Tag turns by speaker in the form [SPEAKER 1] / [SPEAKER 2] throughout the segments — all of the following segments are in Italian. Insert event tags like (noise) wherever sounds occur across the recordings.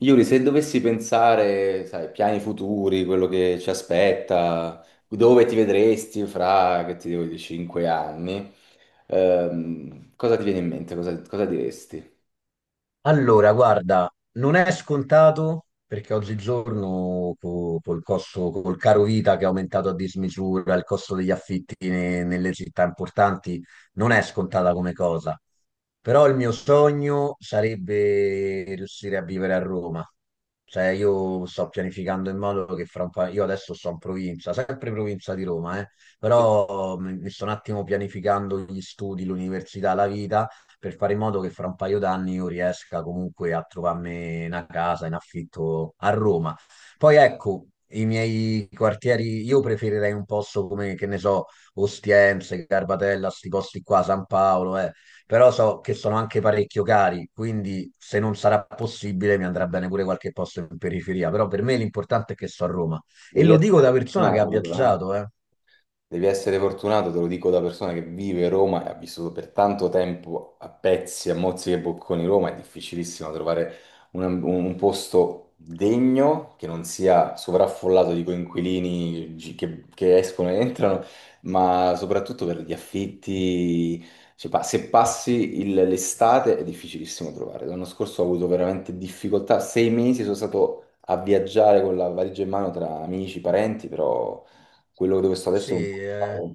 [SPEAKER 1] Yuri, se dovessi pensare, sai, piani futuri, quello che ci aspetta, dove ti vedresti fra, che ti devo dire, cinque anni, cosa ti viene in mente? Cosa, cosa diresti?
[SPEAKER 2] Allora, guarda, non è scontato perché oggigiorno col costo, col caro vita che è aumentato a dismisura, il costo degli affitti nelle città importanti non è scontata come cosa. Però il mio sogno sarebbe riuscire a vivere a Roma. Cioè, io sto pianificando in modo che io adesso sto in provincia, sempre provincia di Roma, però mi sto un attimo pianificando gli studi, l'università, la vita per fare in modo che fra un paio d'anni io riesca comunque a trovarmi una casa in affitto a Roma. Poi ecco, i miei quartieri, io preferirei un posto come, che ne so, Ostiense, Garbatella, sti posti qua, San Paolo, eh. Però so che sono anche parecchio cari, quindi se non sarà possibile mi andrà bene pure qualche posto in periferia, però per me l'importante è che sto a Roma. E
[SPEAKER 1] Devi
[SPEAKER 2] lo dico da
[SPEAKER 1] essere...
[SPEAKER 2] persona che ha
[SPEAKER 1] No, però, eh.
[SPEAKER 2] viaggiato, eh.
[SPEAKER 1] Devi essere fortunato, te lo dico da persona che vive Roma e ha vissuto per tanto tempo a pezzi, a mozzichi e bocconi Roma, è difficilissimo trovare un posto degno che non sia sovraffollato di coinquilini che escono e entrano, ma soprattutto per gli affitti. Cioè, se passi l'estate è difficilissimo trovare. L'anno scorso ho avuto veramente difficoltà, sei mesi sono stato a viaggiare con la valigia in mano tra amici, parenti, però... Quello dove sto
[SPEAKER 2] Sì,
[SPEAKER 1] adesso è
[SPEAKER 2] eh.
[SPEAKER 1] un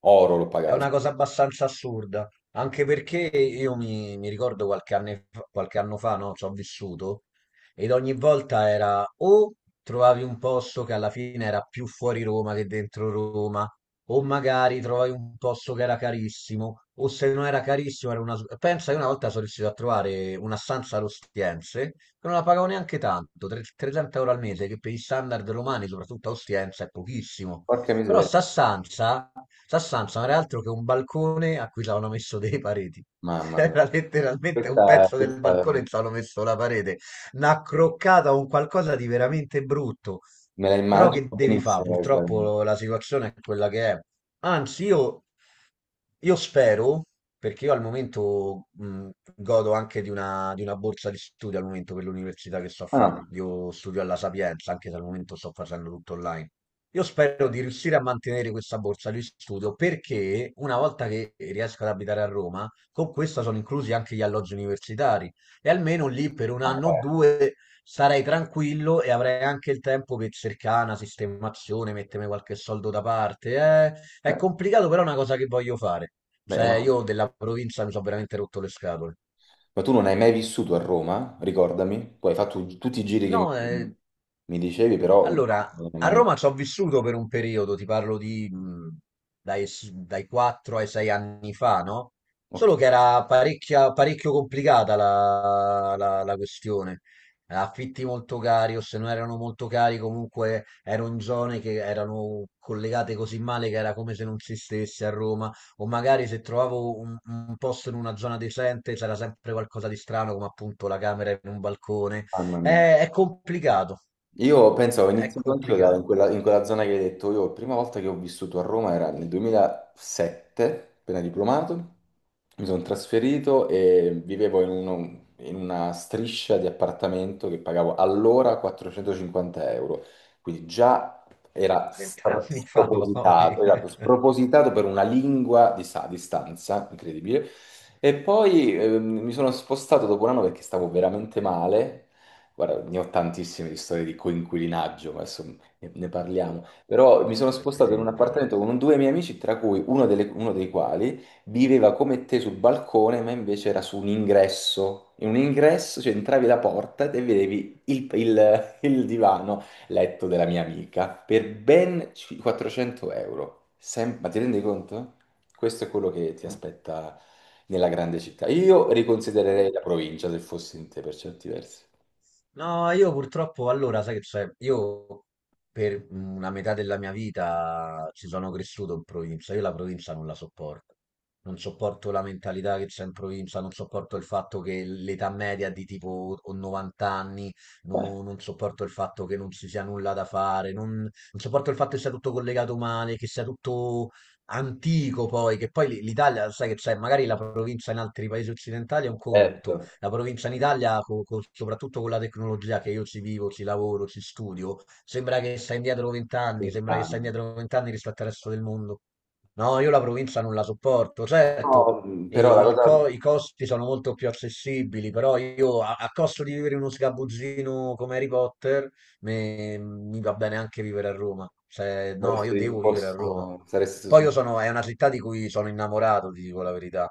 [SPEAKER 1] oro, l'ho
[SPEAKER 2] È
[SPEAKER 1] pagato.
[SPEAKER 2] una cosa abbastanza assurda, anche perché io mi ricordo qualche anno fa, no, ci ho vissuto, ed ogni volta era o trovavi un posto che alla fine era più fuori Roma che dentro Roma, o magari trovavi un posto che era carissimo, o se non era carissimo pensa che una volta sono riuscito a trovare una stanza allo Ostiense, che non la pagavo neanche tanto, 30 euro al mese, che per gli standard romani, soprattutto a Ostiense, è pochissimo.
[SPEAKER 1] Porca
[SPEAKER 2] Però
[SPEAKER 1] miseria,
[SPEAKER 2] Sassanza non era altro che un balcone a cui ci avevano messo dei pareti. (laughs)
[SPEAKER 1] mamma mia.
[SPEAKER 2] Era letteralmente un
[SPEAKER 1] Questa,
[SPEAKER 2] pezzo del
[SPEAKER 1] questa
[SPEAKER 2] balcone e
[SPEAKER 1] me
[SPEAKER 2] ci avevano messo la parete. Una croccata, un qualcosa di veramente brutto.
[SPEAKER 1] la
[SPEAKER 2] Però
[SPEAKER 1] immagino
[SPEAKER 2] che devi fare?
[SPEAKER 1] benissimo.
[SPEAKER 2] Purtroppo la situazione è quella che è. Anzi, io spero, perché io al momento godo anche di una borsa di studio al momento per l'università che sto a fare.
[SPEAKER 1] Ah,
[SPEAKER 2] Io studio alla Sapienza, anche se al momento sto facendo tutto online. Io spero di riuscire a mantenere questa borsa di studio perché una volta che riesco ad abitare a Roma, con questa sono inclusi anche gli alloggi universitari e almeno lì per un
[SPEAKER 1] ah,
[SPEAKER 2] anno o
[SPEAKER 1] eh.
[SPEAKER 2] due starei tranquillo e avrei anche il tempo per cercare una sistemazione, mettermi qualche soldo da parte, eh. È
[SPEAKER 1] Beh,
[SPEAKER 2] complicato, però è una cosa che voglio fare.
[SPEAKER 1] beh,
[SPEAKER 2] Cioè,
[SPEAKER 1] ma...
[SPEAKER 2] io della provincia mi sono veramente rotto le scatole.
[SPEAKER 1] ma tu non hai mai vissuto a Roma? Ricordami. Tu hai fatto tutti i giri che
[SPEAKER 2] No,
[SPEAKER 1] mi dicevi, però
[SPEAKER 2] allora,
[SPEAKER 1] non hai
[SPEAKER 2] a
[SPEAKER 1] mai...
[SPEAKER 2] Roma ci ho vissuto per un periodo, ti parlo di dai 4 ai 6 anni fa, no? Solo
[SPEAKER 1] Ok,
[SPEAKER 2] che era parecchio complicata la questione. Affitti molto cari, o se non erano molto cari, comunque erano in zone che erano collegate così male che era come se non si stesse a Roma. O magari se trovavo un posto in una zona decente c'era sempre qualcosa di strano, come appunto la camera in un balcone.
[SPEAKER 1] mamma mia.
[SPEAKER 2] È complicato.
[SPEAKER 1] Io penso, ho
[SPEAKER 2] È
[SPEAKER 1] iniziato anch'io in
[SPEAKER 2] complicato.
[SPEAKER 1] in quella zona che hai detto. Io, la prima volta che ho vissuto a Roma era nel 2007, appena diplomato. Mi sono trasferito e vivevo in una striscia di appartamento che pagavo allora 450 euro. Quindi già era
[SPEAKER 2] Vent'anni fa poi.
[SPEAKER 1] spropositato,
[SPEAKER 2] (laughs)
[SPEAKER 1] esatto,
[SPEAKER 2] È
[SPEAKER 1] spropositato per una lingua di stanza, incredibile. E poi mi sono spostato dopo un anno perché stavo veramente male. Guarda, ne ho tantissime di storie di coinquilinaggio, ma adesso ne parliamo. Però mi sono spostato in un
[SPEAKER 2] terribile.
[SPEAKER 1] appartamento con due miei amici, tra cui uno dei quali viveva come te sul balcone, ma invece era su un ingresso. In un ingresso, cioè entravi la porta e vedevi il divano letto della mia amica per ben 400 euro. Ma ti rendi conto? Questo è quello che ti aspetta nella grande città. Io riconsidererei la provincia se fossi in te per certi versi.
[SPEAKER 2] No, io purtroppo allora, sai che c'è, io per una metà della mia vita ci sono cresciuto in provincia, io la provincia non la sopporto, non sopporto la mentalità che c'è in provincia, non sopporto il fatto che l'età media è di tipo o 90 anni, non sopporto il fatto che non ci sia nulla da fare, non sopporto il fatto che sia tutto collegato male, che sia tutto antico poi, che poi l'Italia, sai che c'è, magari la provincia in altri paesi occidentali è un conto,
[SPEAKER 1] Certo,
[SPEAKER 2] la provincia in Italia, soprattutto con la tecnologia che io ci vivo, ci lavoro, ci studio, sembra che sta indietro vent'anni, sembra che sta
[SPEAKER 1] lontano.
[SPEAKER 2] indietro vent'anni rispetto al resto del mondo. No, io la provincia non la sopporto,
[SPEAKER 1] No,
[SPEAKER 2] certo,
[SPEAKER 1] però
[SPEAKER 2] e
[SPEAKER 1] la
[SPEAKER 2] il
[SPEAKER 1] cosa
[SPEAKER 2] i costi sono molto più accessibili, però io a costo di vivere in uno sgabuzzino come Harry Potter, mi va bene anche vivere a Roma. Cioè, no, io
[SPEAKER 1] saresti
[SPEAKER 2] devo vivere a Roma.
[SPEAKER 1] disposto,
[SPEAKER 2] Poi io sono, è una città di cui sono innamorato, ti dico la verità.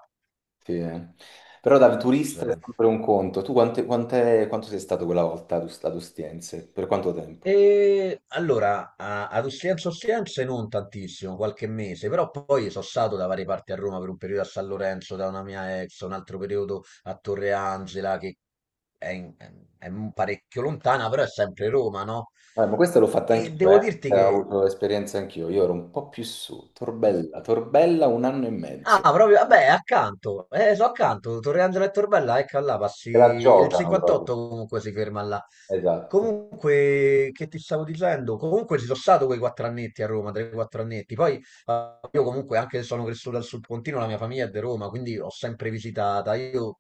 [SPEAKER 1] sì, eh. Però da turista è
[SPEAKER 2] Cioè,
[SPEAKER 1] sempre un conto. Tu quanto sei stato quella volta ad Ostiense? Per quanto tempo?
[SPEAKER 2] e allora, ad Ostiense non tantissimo, qualche mese, però poi sono stato da varie parti a Roma per un periodo a San Lorenzo da una mia ex, un altro periodo a Torre Angela che è, in- è un parecchio lontana, però è sempre Roma, no?
[SPEAKER 1] Ma questa l'ho fatta
[SPEAKER 2] E
[SPEAKER 1] anch'io,
[SPEAKER 2] devo
[SPEAKER 1] eh.
[SPEAKER 2] dirti
[SPEAKER 1] Ho
[SPEAKER 2] che
[SPEAKER 1] avuto esperienza anch'io. Io ero un po' più su, Torbella un anno e mezzo.
[SPEAKER 2] ah, proprio, vabbè, accanto, so
[SPEAKER 1] Ah,
[SPEAKER 2] accanto, Torre Angelo e Torbella, ecco là, passi,
[SPEAKER 1] te la
[SPEAKER 2] il
[SPEAKER 1] giocano proprio.
[SPEAKER 2] 58 comunque si ferma là.
[SPEAKER 1] Esatto.
[SPEAKER 2] Comunque, che ti stavo dicendo? Comunque ci sono stato quei 4 annetti a Roma, 3-4 annetti, poi io comunque anche se sono cresciuto al Sud Pontino, la mia famiglia è di Roma, quindi ho sempre visitata, io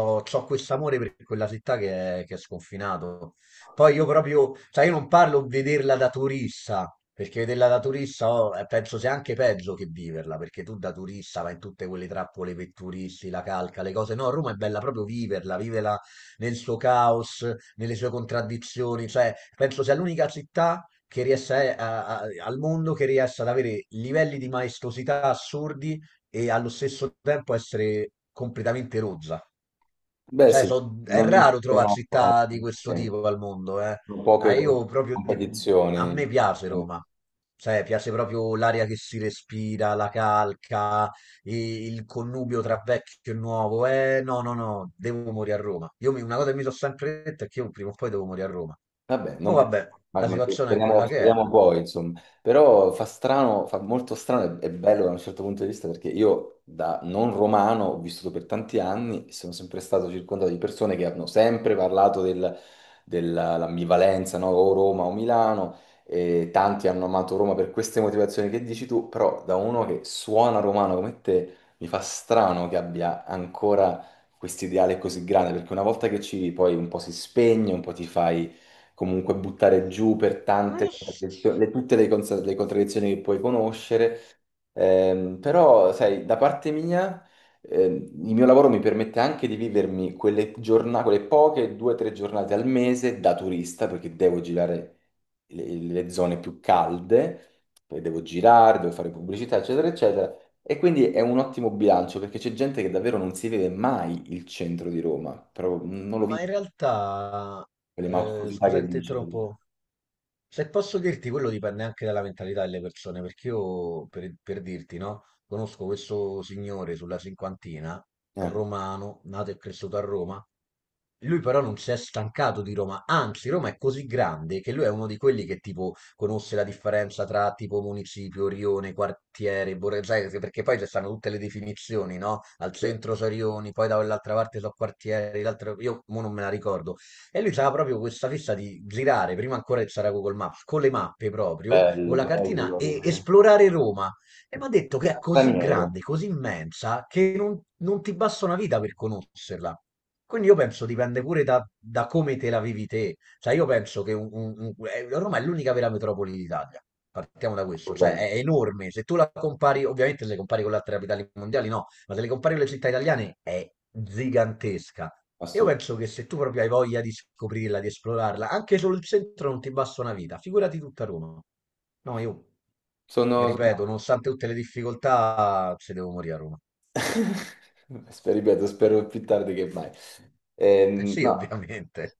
[SPEAKER 2] ho questo amore per quella città che è sconfinato. Poi io proprio, cioè io non parlo vederla da turista, perché vederla da turista oh, penso sia anche peggio che viverla, perché tu da turista vai in tutte quelle trappole per turisti, la calca, le cose. No, Roma è bella proprio viverla, vivela nel suo caos, nelle sue contraddizioni, cioè penso sia l'unica città che riesce al mondo che riesce ad avere livelli di maestosità assurdi e allo stesso tempo essere completamente rozza.
[SPEAKER 1] Beh,
[SPEAKER 2] Cioè,
[SPEAKER 1] sì,
[SPEAKER 2] è
[SPEAKER 1] non ci
[SPEAKER 2] raro trovare
[SPEAKER 1] sono,
[SPEAKER 2] città di
[SPEAKER 1] sì,
[SPEAKER 2] questo tipo al mondo, eh.
[SPEAKER 1] sono
[SPEAKER 2] Ah, io proprio a me
[SPEAKER 1] competizioni.
[SPEAKER 2] piace Roma. Cioè, piace proprio l'aria che si respira, la calca, il connubio tra vecchio e nuovo. No, no, no, devo morire a Roma. Io una cosa che mi sono sempre detto è che io prima o poi devo morire a Roma.
[SPEAKER 1] Vabbè,
[SPEAKER 2] Ma
[SPEAKER 1] non per-
[SPEAKER 2] vabbè, la
[SPEAKER 1] ma
[SPEAKER 2] situazione è
[SPEAKER 1] speriamo,
[SPEAKER 2] quella che è.
[SPEAKER 1] speriamo poi, insomma. Però fa strano, fa molto strano e bello da un certo punto di vista perché io da non romano ho vissuto per tanti anni e sono sempre stato circondato di persone che hanno sempre parlato dell'ambivalenza, no? O Roma o Milano e tanti hanno amato Roma per queste motivazioni che dici tu, però da uno che suona romano come te mi fa strano che abbia ancora questo ideale così grande perché una volta che ci poi un po' si spegne, un po' ti fai comunque buttare giù per
[SPEAKER 2] Non
[SPEAKER 1] tante
[SPEAKER 2] lo so,
[SPEAKER 1] tutte le contraddizioni che puoi conoscere. Però, sai, da parte mia, ehm, il mio lavoro mi permette anche di vivermi quelle giornate, quelle poche due o tre giornate al mese da turista, perché devo girare le zone più calde, poi devo girare, devo fare pubblicità, eccetera, eccetera. E quindi è un ottimo bilancio perché c'è gente che davvero non si vede mai il centro di Roma, però non lo
[SPEAKER 2] ma
[SPEAKER 1] vive,
[SPEAKER 2] in realtà,
[SPEAKER 1] quelle maestosità che
[SPEAKER 2] scusa, ti
[SPEAKER 1] dici.
[SPEAKER 2] interrompo. Se posso dirti, quello dipende anche dalla mentalità delle persone, perché io, per dirti, no, conosco questo signore sulla cinquantina,
[SPEAKER 1] Eh.
[SPEAKER 2] romano, nato e cresciuto a Roma, lui però non si è stancato di Roma, anzi Roma è così grande che lui è uno di quelli che tipo conosce la differenza tra tipo municipio, rione, quartiere, borgo, sai, perché poi ci stanno tutte le definizioni, no? Al centro sono rioni, poi da quell'altra parte sono quartieri, l'altra- io mo non me la ricordo. E lui aveva proprio questa fissa di girare, prima ancora che c'era Google Maps, con le mappe proprio, o
[SPEAKER 1] Bello,
[SPEAKER 2] la cartina,
[SPEAKER 1] bello,
[SPEAKER 2] e
[SPEAKER 1] così.
[SPEAKER 2] esplorare Roma. E mi ha detto che è così
[SPEAKER 1] Straniero,
[SPEAKER 2] grande, così immensa, che non ti basta una vita per conoscerla. Quindi io penso dipende pure da come te la vivi te. Cioè io penso che Roma è l'unica vera metropoli d'Italia. Partiamo da questo, cioè
[SPEAKER 1] assolutamente.
[SPEAKER 2] è enorme. Se tu la compari, ovviamente se le compari con le altre capitali mondiali no, ma se le compari con le città italiane è gigantesca. Io
[SPEAKER 1] Assolutamente.
[SPEAKER 2] penso che se tu proprio hai voglia di scoprirla, di esplorarla, anche solo il centro non ti basta una vita, figurati tutta Roma. No, io mi
[SPEAKER 1] Sono...
[SPEAKER 2] ripeto,
[SPEAKER 1] sono-
[SPEAKER 2] nonostante tutte le difficoltà, ci devo morire a Roma.
[SPEAKER 1] (laughs) Ripeto, spero più tardi che mai.
[SPEAKER 2] Eh sì,
[SPEAKER 1] No.
[SPEAKER 2] ovviamente.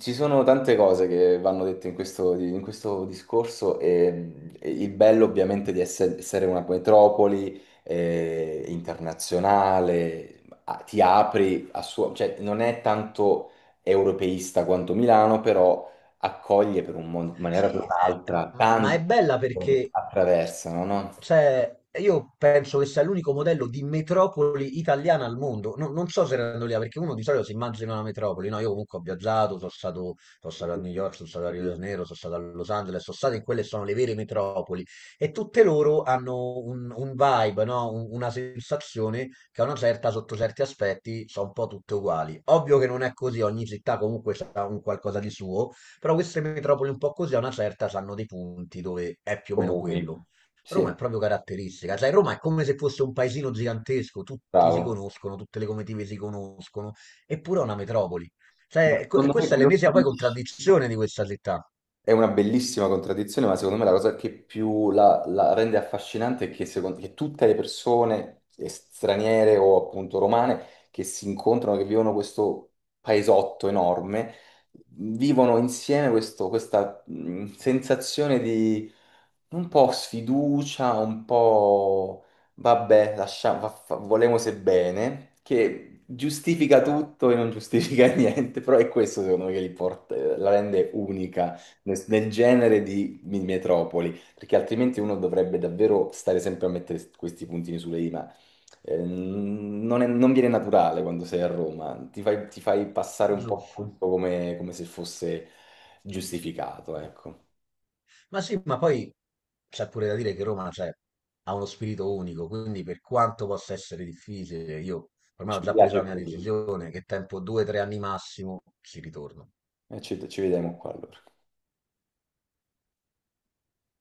[SPEAKER 1] Ci sono tante cose che vanno dette in in questo discorso e il bello ovviamente di essere una metropoli internazionale, ti apri a suo, cioè non è tanto europeista quanto Milano, però accoglie per un in maniera o per
[SPEAKER 2] Sì,
[SPEAKER 1] un'altra
[SPEAKER 2] ma è
[SPEAKER 1] tante
[SPEAKER 2] bella
[SPEAKER 1] persone che
[SPEAKER 2] perché
[SPEAKER 1] attraversano, no?
[SPEAKER 2] cioè, io penso che sia l'unico modello di metropoli italiana al mondo. Non so se erano lì, perché uno di solito si immagina una metropoli. No, io comunque ho viaggiato, sono stato a New York, sono stato a Rio de Janeiro, sono stato a Los Angeles, sono stato in quelle che sono le vere metropoli. E tutte loro hanno un vibe, no? Una sensazione che a una certa, sotto certi aspetti, sono un po' tutte uguali. Ovvio che non è così, ogni città comunque ha un qualcosa di suo, però queste metropoli un po' così a una certa hanno dei punti dove è più o meno
[SPEAKER 1] Comuni.
[SPEAKER 2] quello.
[SPEAKER 1] Sì,
[SPEAKER 2] Roma è proprio caratteristica, cioè Roma è come se fosse un paesino gigantesco, tutti si
[SPEAKER 1] bravo.
[SPEAKER 2] conoscono, tutte le comitive si conoscono, eppure è una metropoli.
[SPEAKER 1] Ma
[SPEAKER 2] Cioè, e
[SPEAKER 1] secondo me
[SPEAKER 2] questa è
[SPEAKER 1] quello che
[SPEAKER 2] l'ennesima poi
[SPEAKER 1] dici-
[SPEAKER 2] contraddizione di questa città,
[SPEAKER 1] è una bellissima contraddizione, ma secondo me la cosa che più la rende affascinante è che, secondo- che tutte le persone straniere o appunto romane che si incontrano, che vivono questo paesotto enorme, vivono insieme questa sensazione di un po' sfiducia, un po' vabbè, lasciamo, volemose bene, che giustifica tutto e non giustifica (laughs) niente, però è questo secondo me che li la rende unica nel nel genere di metropoli, perché altrimenti uno dovrebbe davvero stare sempre a mettere questi puntini sulle i, ma non viene naturale quando sei a Roma, ti fai passare un po'
[SPEAKER 2] giusto?
[SPEAKER 1] tutto come, come se fosse giustificato, ecco.
[SPEAKER 2] Ma sì, ma poi c'è pure da dire che Roma cioè, ha uno spirito unico, quindi per quanto possa essere difficile, io ormai ho
[SPEAKER 1] Ci
[SPEAKER 2] già preso
[SPEAKER 1] piace
[SPEAKER 2] la mia
[SPEAKER 1] così.
[SPEAKER 2] decisione, che tempo 2, 3 anni massimo ci ritorno.
[SPEAKER 1] E ci vediamo qua allora.